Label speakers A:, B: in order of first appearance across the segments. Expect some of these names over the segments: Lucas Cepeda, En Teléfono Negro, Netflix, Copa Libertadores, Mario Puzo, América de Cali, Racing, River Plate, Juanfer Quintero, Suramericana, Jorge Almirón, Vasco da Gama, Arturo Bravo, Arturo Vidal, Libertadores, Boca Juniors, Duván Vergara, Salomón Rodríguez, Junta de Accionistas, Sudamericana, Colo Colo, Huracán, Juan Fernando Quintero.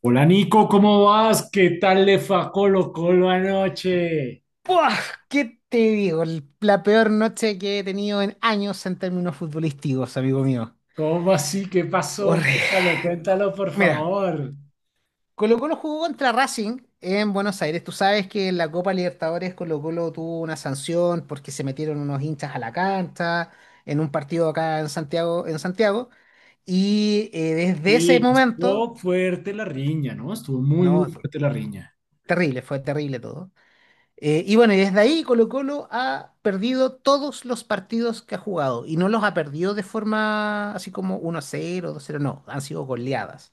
A: Hola Nico, ¿cómo vas? ¿Qué tal le fue a Colo Colo anoche?
B: ¡Buah! ¿Qué te digo? La peor noche que he tenido en años en términos futbolísticos, amigo mío.
A: ¿Cómo así? ¿Qué pasó?
B: Horrible.
A: Cuéntalo, cuéntalo, por
B: Mira,
A: favor.
B: Colo Colo jugó contra Racing en Buenos Aires. Tú sabes que en la Copa Libertadores Colo Colo tuvo una sanción porque se metieron unos hinchas a la cancha en un partido acá en Santiago, en Santiago. Desde ese
A: Sí,
B: momento,
A: estuvo fuerte la riña, ¿no? Estuvo muy,
B: no,
A: muy fuerte la riña.
B: terrible, fue terrible todo. Y bueno, y desde ahí Colo Colo ha perdido todos los partidos que ha jugado, y no los ha perdido de forma así como 1-0, 2-0, no, han sido goleadas.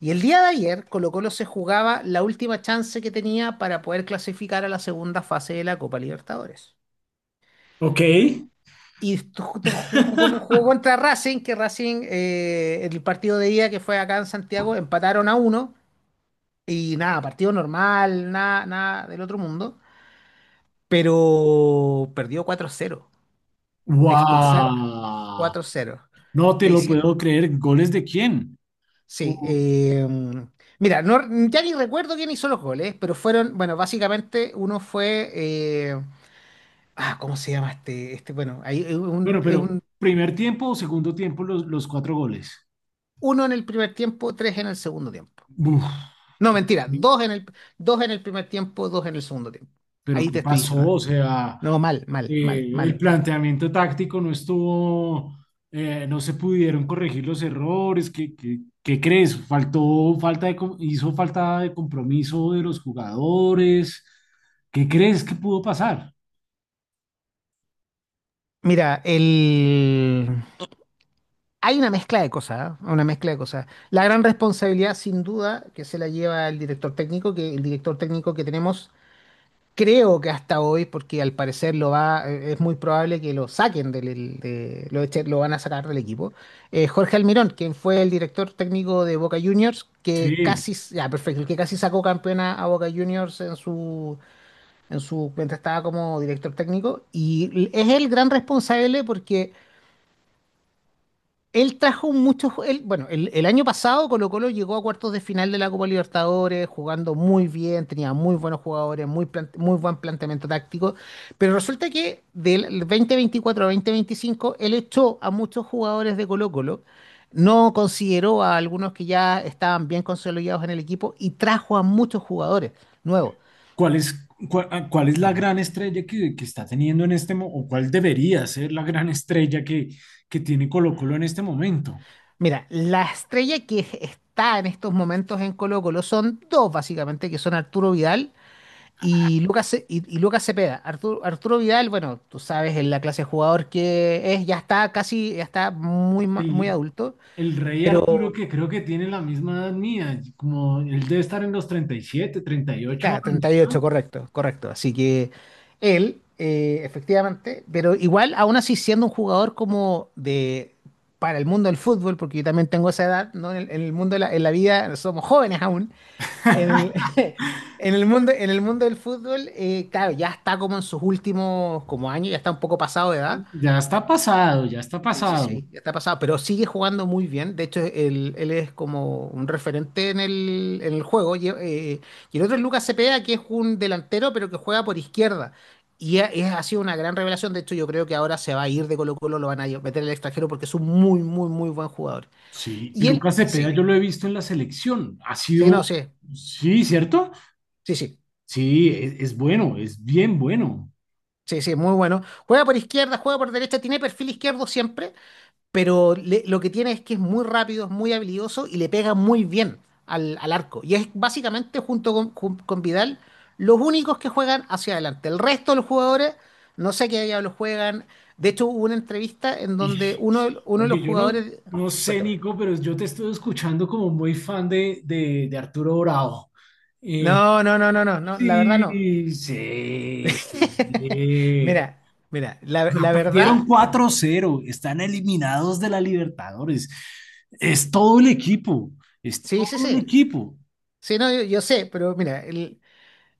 B: Y el día de ayer Colo Colo se jugaba la última chance que tenía para poder clasificar a la segunda fase de la Copa Libertadores.
A: Ok.
B: Jugó contra Racing, que Racing, el partido de ida que fue acá en Santiago, empataron a uno y nada, partido normal, nada, nada del otro mundo, pero perdió 4-0. Expulsar,
A: ¡Wow!
B: cuatro 0
A: No te
B: le
A: lo
B: hicieron.
A: puedo creer. ¿Goles de quién?
B: Sí,
A: Uh,
B: mira, no, ya ni recuerdo quién hizo los goles, pero fueron. Bueno, básicamente uno fue, ¿cómo se llama este? Este, bueno, ahí es un,
A: bueno, pero ¿primer tiempo o segundo tiempo los cuatro goles?
B: uno en el primer tiempo, tres en el segundo tiempo.
A: Uf,
B: No, mentira, dos en el primer tiempo, dos en el segundo tiempo.
A: pero
B: Ahí
A: ¿qué
B: te estoy
A: pasó?
B: diciendo.
A: O sea,
B: No, mal, mal, mal,
A: el
B: mal.
A: planteamiento táctico no estuvo, no se pudieron corregir los errores. ¿Qué crees? ¿Faltó falta de hizo falta de compromiso de los jugadores? ¿Qué crees que pudo pasar?
B: Mira, el. hay una mezcla de cosas, ¿ah? Una mezcla de cosas. La gran responsabilidad, sin duda, que se la lleva el director técnico, que tenemos, creo que hasta hoy, porque al parecer lo va, es muy probable que lo saquen del, el- de, lo, echen- lo van a sacar del equipo. Jorge Almirón, quien fue el director técnico de Boca Juniors, que
A: Sí.
B: casi, ya, perfecto, que casi sacó campeona a Boca Juniors en su, mientras estaba como director técnico, y es el gran responsable porque él trajo muchos. Ju- él, bueno, el año pasado Colo-Colo llegó a cuartos de final de la Copa Libertadores, jugando muy bien, tenía muy buenos jugadores, muy buen planteamiento táctico. Pero resulta que del 2024 a 2025, él echó a muchos jugadores de Colo-Colo, no consideró a algunos que ya estaban bien consolidados en el equipo y trajo a muchos jugadores nuevos.
A: ¿Cuál es la gran estrella que está teniendo en este momento, o cuál debería ser la gran estrella que tiene Colo-Colo en este momento?
B: Mira, la estrella que está en estos momentos en Colo-Colo son dos, básicamente, que son Arturo Vidal y y Lucas Cepeda. Arturo Vidal, bueno, tú sabes, en la clase de jugador que es, ya está casi, muy
A: El,
B: adulto,
A: el rey Arturo,
B: pero,
A: que creo que tiene la misma edad mía, como él debe estar en los treinta, 37, 38
B: claro, treinta
A: años,
B: y ocho
A: ¿no?
B: correcto, correcto. Así que él, efectivamente, pero igual, aún así, siendo un jugador como de, para el mundo del fútbol, porque yo también tengo esa edad, ¿no? En el mundo de la, en la vida, somos jóvenes aún, en el, en el mundo, en el mundo del fútbol, claro, ya está como en sus últimos como años, ya está un poco pasado de edad,
A: Ya está pasado, ya está
B: sí, sí,
A: pasado.
B: sí, ya está pasado, pero sigue jugando muy bien. De hecho, él es como un referente en el juego. Y el otro es Lucas Cepeda, que es un delantero, pero que juega por izquierda. Ha sido una gran revelación. De hecho, yo creo que ahora se va a ir de Colo-Colo, lo van a meter al extranjero porque es un muy, muy, muy buen jugador.
A: Sí,
B: Y él,
A: Lucas Cepeda
B: sí,
A: yo lo he visto en la selección. Ha
B: sí,
A: sido,
B: no, sí,
A: sí, ¿cierto?
B: sí, sí,
A: Sí, es bueno, es bien bueno.
B: sí, sí, muy bueno. Juega por izquierda, juega por derecha, tiene perfil izquierdo siempre, lo que tiene es que es muy rápido, es muy habilidoso y le pega muy bien al arco. Y es básicamente con Vidal los únicos que juegan hacia adelante. El resto de los jugadores, no sé qué diablos juegan. De hecho, hubo una entrevista en
A: Y
B: donde uno, uno de los
A: oye, yo no,
B: jugadores...
A: no sé,
B: Cuéntame.
A: Nico, pero yo te estoy escuchando como muy fan de Arturo Bravo. Eh,
B: No, no, no, no, no, no, la verdad no.
A: sí, sí.
B: Mira, mira,
A: O sea,
B: la
A: perdieron
B: verdad,
A: cuatro cero, están eliminados de la Libertadores. Es todo el equipo, es
B: sí, sí,
A: todo el
B: sí.
A: equipo.
B: Sí, no, yo sé, pero mira,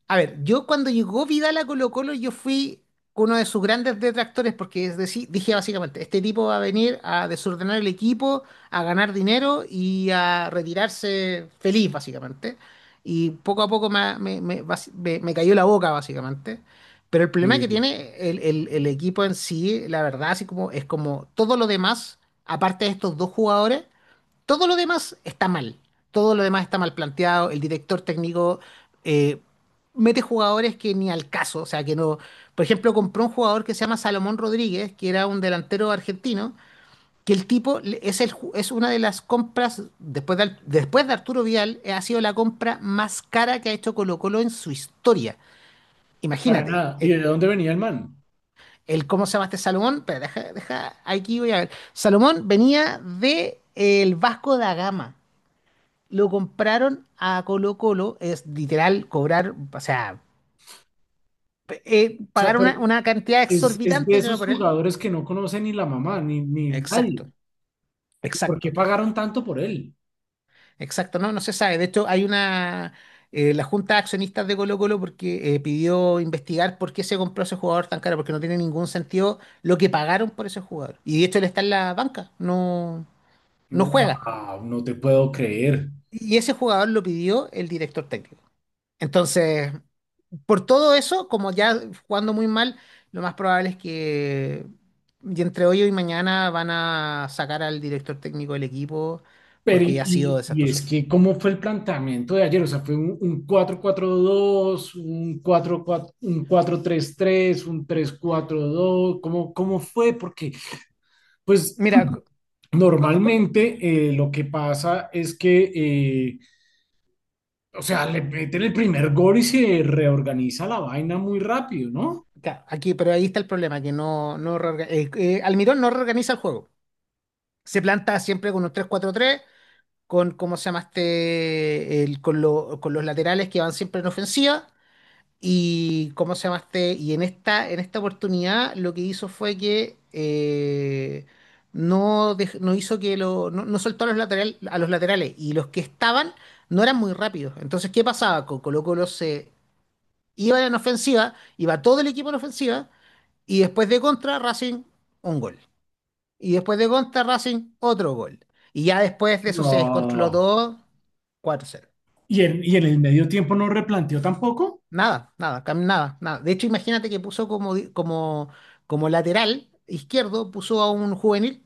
B: a ver, yo cuando llegó Vidal a Colo-Colo, yo fui uno de sus grandes detractores porque, es decir, dije básicamente, este tipo va a venir a desordenar el equipo, a ganar dinero y a retirarse feliz, básicamente. Y poco a poco me, me- me- basi- me- me cayó la boca, básicamente. Pero el problema
A: Y
B: que tiene el equipo en sí, la verdad, así como es, como todo lo demás, aparte de estos dos jugadores. Todo lo demás está mal. Todo lo demás está mal planteado. El director técnico eh, mete jugadores que ni al caso. O sea, que no. Por ejemplo, compró un jugador que se llama Salomón Rodríguez, que era un delantero argentino, que el tipo le- es, el, ju- es una de las compras, después de Arturo Vidal, ha sido la compra más cara que ha hecho Colo Colo en su historia.
A: para
B: Imagínate.
A: nada. ¿Y de dónde venía el man?
B: El, ¿cómo se llama este Salomón? Espera, deja, deja, aquí voy a ver. Salomón venía de, el Vasco da Gama. Lo compraron a Colo Colo, es literal cobrar, o sea,
A: O sea,
B: pagar
A: pero
B: una cantidad
A: es de
B: exorbitante de dinero
A: esos
B: por él.
A: jugadores que no conoce ni la mamá, ni nadie.
B: Exacto,
A: ¿Y por qué
B: exacto,
A: pagaron tanto por él?
B: exacto, no, no se sabe. De hecho, hay una, la Junta de Accionistas de Colo Colo, porque pidió investigar por qué se compró ese jugador tan caro, porque no tiene ningún sentido lo que pagaron por ese jugador. Y de hecho, él está en la banca, no, no
A: No,
B: juega.
A: wow, no te puedo creer.
B: Y ese jugador lo pidió el director técnico. Entonces... Por todo eso, como ya jugando muy mal, lo más probable es que, y entre hoy y mañana van a sacar al director técnico del equipo porque ya ha sido
A: Y
B: desastroso.
A: es que, ¿cómo fue el planteamiento de ayer? O sea, ¿fue un cuatro 4 2, un cuatro cuatro, un cuatro tres tres, un tres cuatro dos? ¿Cómo cómo fue? Porque, pues,
B: Mira, col- col-
A: normalmente lo que pasa es que, o sea, le meten el primer gol y se reorganiza la vaina muy rápido, ¿no?
B: ya, aquí, pero ahí está el problema, que no, Almirón no reorganiza el juego. Se planta siempre con un 3-4-3, con, ¿cómo se llama este? El, con, con los laterales que van siempre en ofensiva. Y cómo se llamaste, y en esta oportunidad lo que hizo fue que, no, no hizo que lo, no, no soltó a los lateral- a los laterales, y los que estaban no eran muy rápidos. Entonces, ¿qué pasaba? Colo Colo se iba en ofensiva, iba todo el equipo en ofensiva, y después de contra Racing, un gol. Y después de contra Racing, otro gol. Y ya después de eso se descontroló
A: No.
B: todo. 4-0.
A: Y en el medio tiempo no replanteó tampoco?
B: Nada, nada, nada, nada. De hecho, imagínate que puso como, como, como lateral izquierdo, puso a un juvenil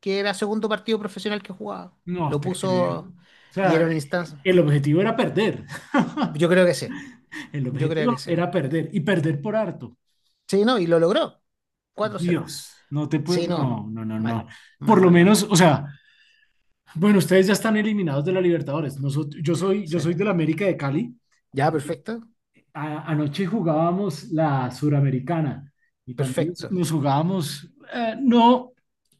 B: que era segundo partido profesional que jugaba.
A: No,
B: Lo
A: te creo.
B: puso,
A: O
B: y era
A: sea,
B: una instancia.
A: el objetivo era perder.
B: Yo creo que sí,
A: El
B: yo creo
A: objetivo
B: que sí.
A: era perder y perder por harto.
B: Sí, no, y lo logró. 4-0.
A: Dios, no te puedo,
B: Sí, no,
A: no, no, no,
B: mal,
A: no.
B: mal,
A: Por lo
B: mal,
A: menos,
B: mal.
A: o sea, bueno, ustedes ya están eliminados de la Libertadores. Nosotros, yo
B: Sí.
A: soy del América de Cali.
B: Ya,
A: Eh,
B: perfecto,
A: anoche jugábamos la Suramericana y también
B: perfecto.
A: nos jugábamos, no,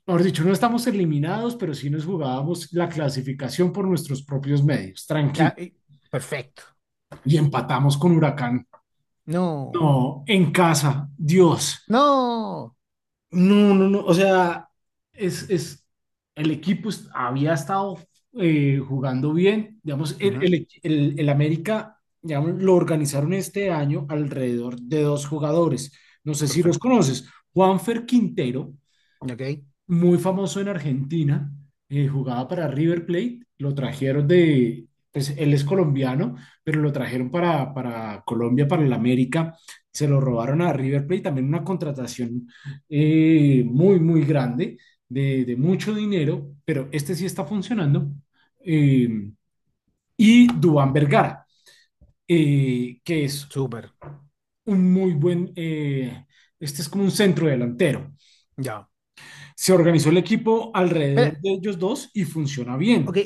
A: mejor dicho, no estamos eliminados, pero sí nos jugábamos la clasificación por nuestros propios medios,
B: Ya,
A: tranquilo.
B: y- perfecto.
A: Y empatamos con Huracán.
B: No,
A: No, en casa, Dios.
B: no.
A: No, no, no. O sea, es, había estado jugando bien. Digamos,
B: Ujú.
A: el América, digamos, lo organizaron este año alrededor de dos jugadores. No sé si los
B: Perfecto.
A: conoces. Juanfer Quintero
B: Ok,
A: muy famoso en Argentina, jugaba para River Plate, lo trajeron de, pues él es colombiano, pero lo trajeron para Colombia, para el América, se lo robaron a River Plate, también una contratación muy grande, de mucho dinero, pero este sí está funcionando. Eh, y Duván Vergara, que es
B: súper.
A: un muy buen, este es como un centro delantero.
B: Ya.
A: Se organizó el equipo
B: Pero,
A: alrededor de ellos dos y funciona
B: ok.
A: bien.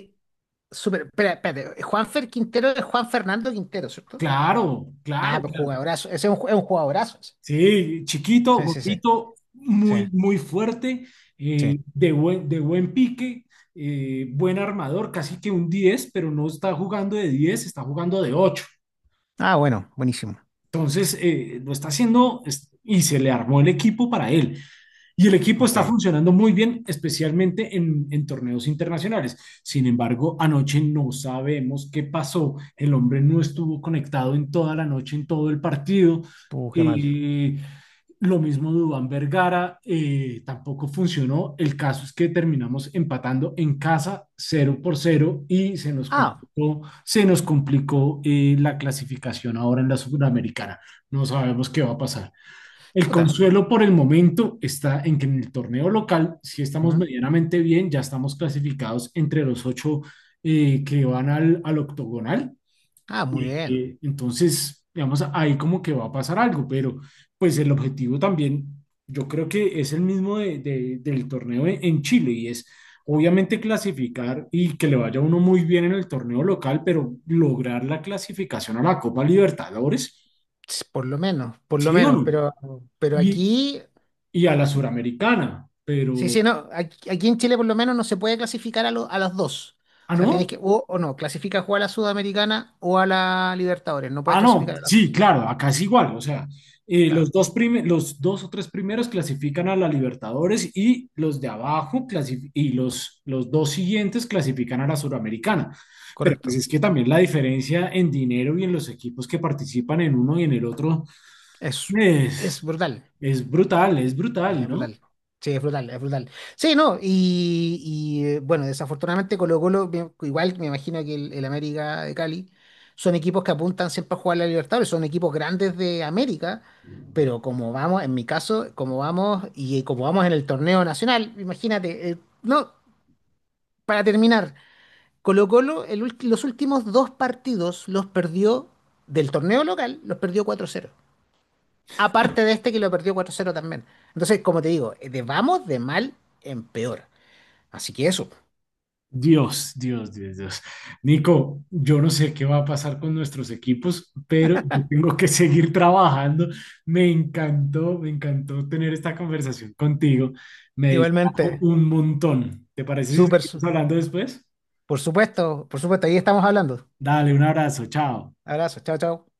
B: Súper, espera, espérate. Juanfer Quintero es Juan Fernando Quintero, ¿cierto?
A: Claro,
B: Ah,
A: claro,
B: pues
A: claro.
B: jugadorazo. Ese es un, ju- es un jugadorazo. Ese.
A: Sí, chiquito,
B: Sí, sí, sí.
A: gordito,
B: Sí,
A: muy fuerte,
B: sí.
A: de buen pique, buen armador, casi que un 10, pero no está jugando de 10, está jugando de 8.
B: Ah, bueno, buenísimo.
A: Entonces, lo está haciendo es- y se le armó el equipo para él. Y el equipo está
B: Ok.
A: funcionando muy bien, especialmente en torneos internacionales. Sin embargo, anoche no sabemos qué pasó. El hombre no estuvo conectado en toda la noche, en todo el partido.
B: Qué mal.
A: Y lo mismo Dubán Vergara, tampoco funcionó. El caso es que terminamos empatando en casa cero por cero y
B: Ah,
A: se nos complicó la clasificación ahora en la Sudamericana. No sabemos qué va a pasar. El
B: chuta.
A: consuelo por el momento está en que en el torneo local sí estamos
B: Ujú.
A: medianamente bien, ya estamos clasificados entre los ocho que van al, al octogonal.
B: Ah, muy bien.
A: Entonces, digamos, ahí como que va a pasar algo, pero pues el objetivo también, yo creo que es el mismo del torneo en Chile y es obviamente clasificar y que le vaya a uno muy bien en el torneo local, pero lograr la clasificación a la Copa Libertadores,
B: Ts, por lo menos, por lo
A: ¿sí o
B: menos.
A: no?
B: Pero
A: Y,
B: aquí,
A: y a la suramericana,
B: sí,
A: pero...
B: sí, no. Aquí, aquí en Chile por lo menos no se puede clasificar a, a las dos. O
A: Ah,
B: sea, tienes
A: no.
B: que, o no, clasificas o a la Sudamericana o a la Libertadores. No puedes
A: Ah, no.
B: clasificar a las
A: Sí,
B: dos.
A: claro, acá es igual. O sea,
B: Claro,
A: los dos o tres primeros clasifican a la Libertadores y los de abajo los dos siguientes clasifican a la Suramericana. Pero pues
B: correcto.
A: es que también la diferencia en dinero y en los equipos que participan en uno y en el otro
B: Es, es
A: es,
B: brutal.
A: es brutal,
B: Es
A: ¿no?
B: brutal. Sí, es brutal, es brutal. Sí, no, y, bueno, desafortunadamente Colo-Colo, igual me imagino que el América de Cali, son equipos que apuntan siempre a jugar la Libertadores, son equipos grandes de América, pero como vamos, en mi caso, como vamos, y como vamos en el torneo nacional, imagínate, no, para terminar, Colo-Colo los últimos dos partidos los perdió del torneo local, los perdió 4-0. Aparte de este que lo perdió 4-0 también. Entonces, como te digo, de vamos de mal en peor. Así que eso.
A: Dios, Dios, Dios, Dios. Nico, yo no sé qué va a pasar con nuestros equipos, pero yo tengo que seguir trabajando. Me encantó tener esta conversación contigo. Me distrajo
B: Igualmente,
A: un montón. ¿Te parece si
B: súper,
A: seguimos
B: su-
A: hablando después?
B: por supuesto, ahí estamos hablando.
A: Dale, un abrazo, chao.
B: Abrazo, chao, chao.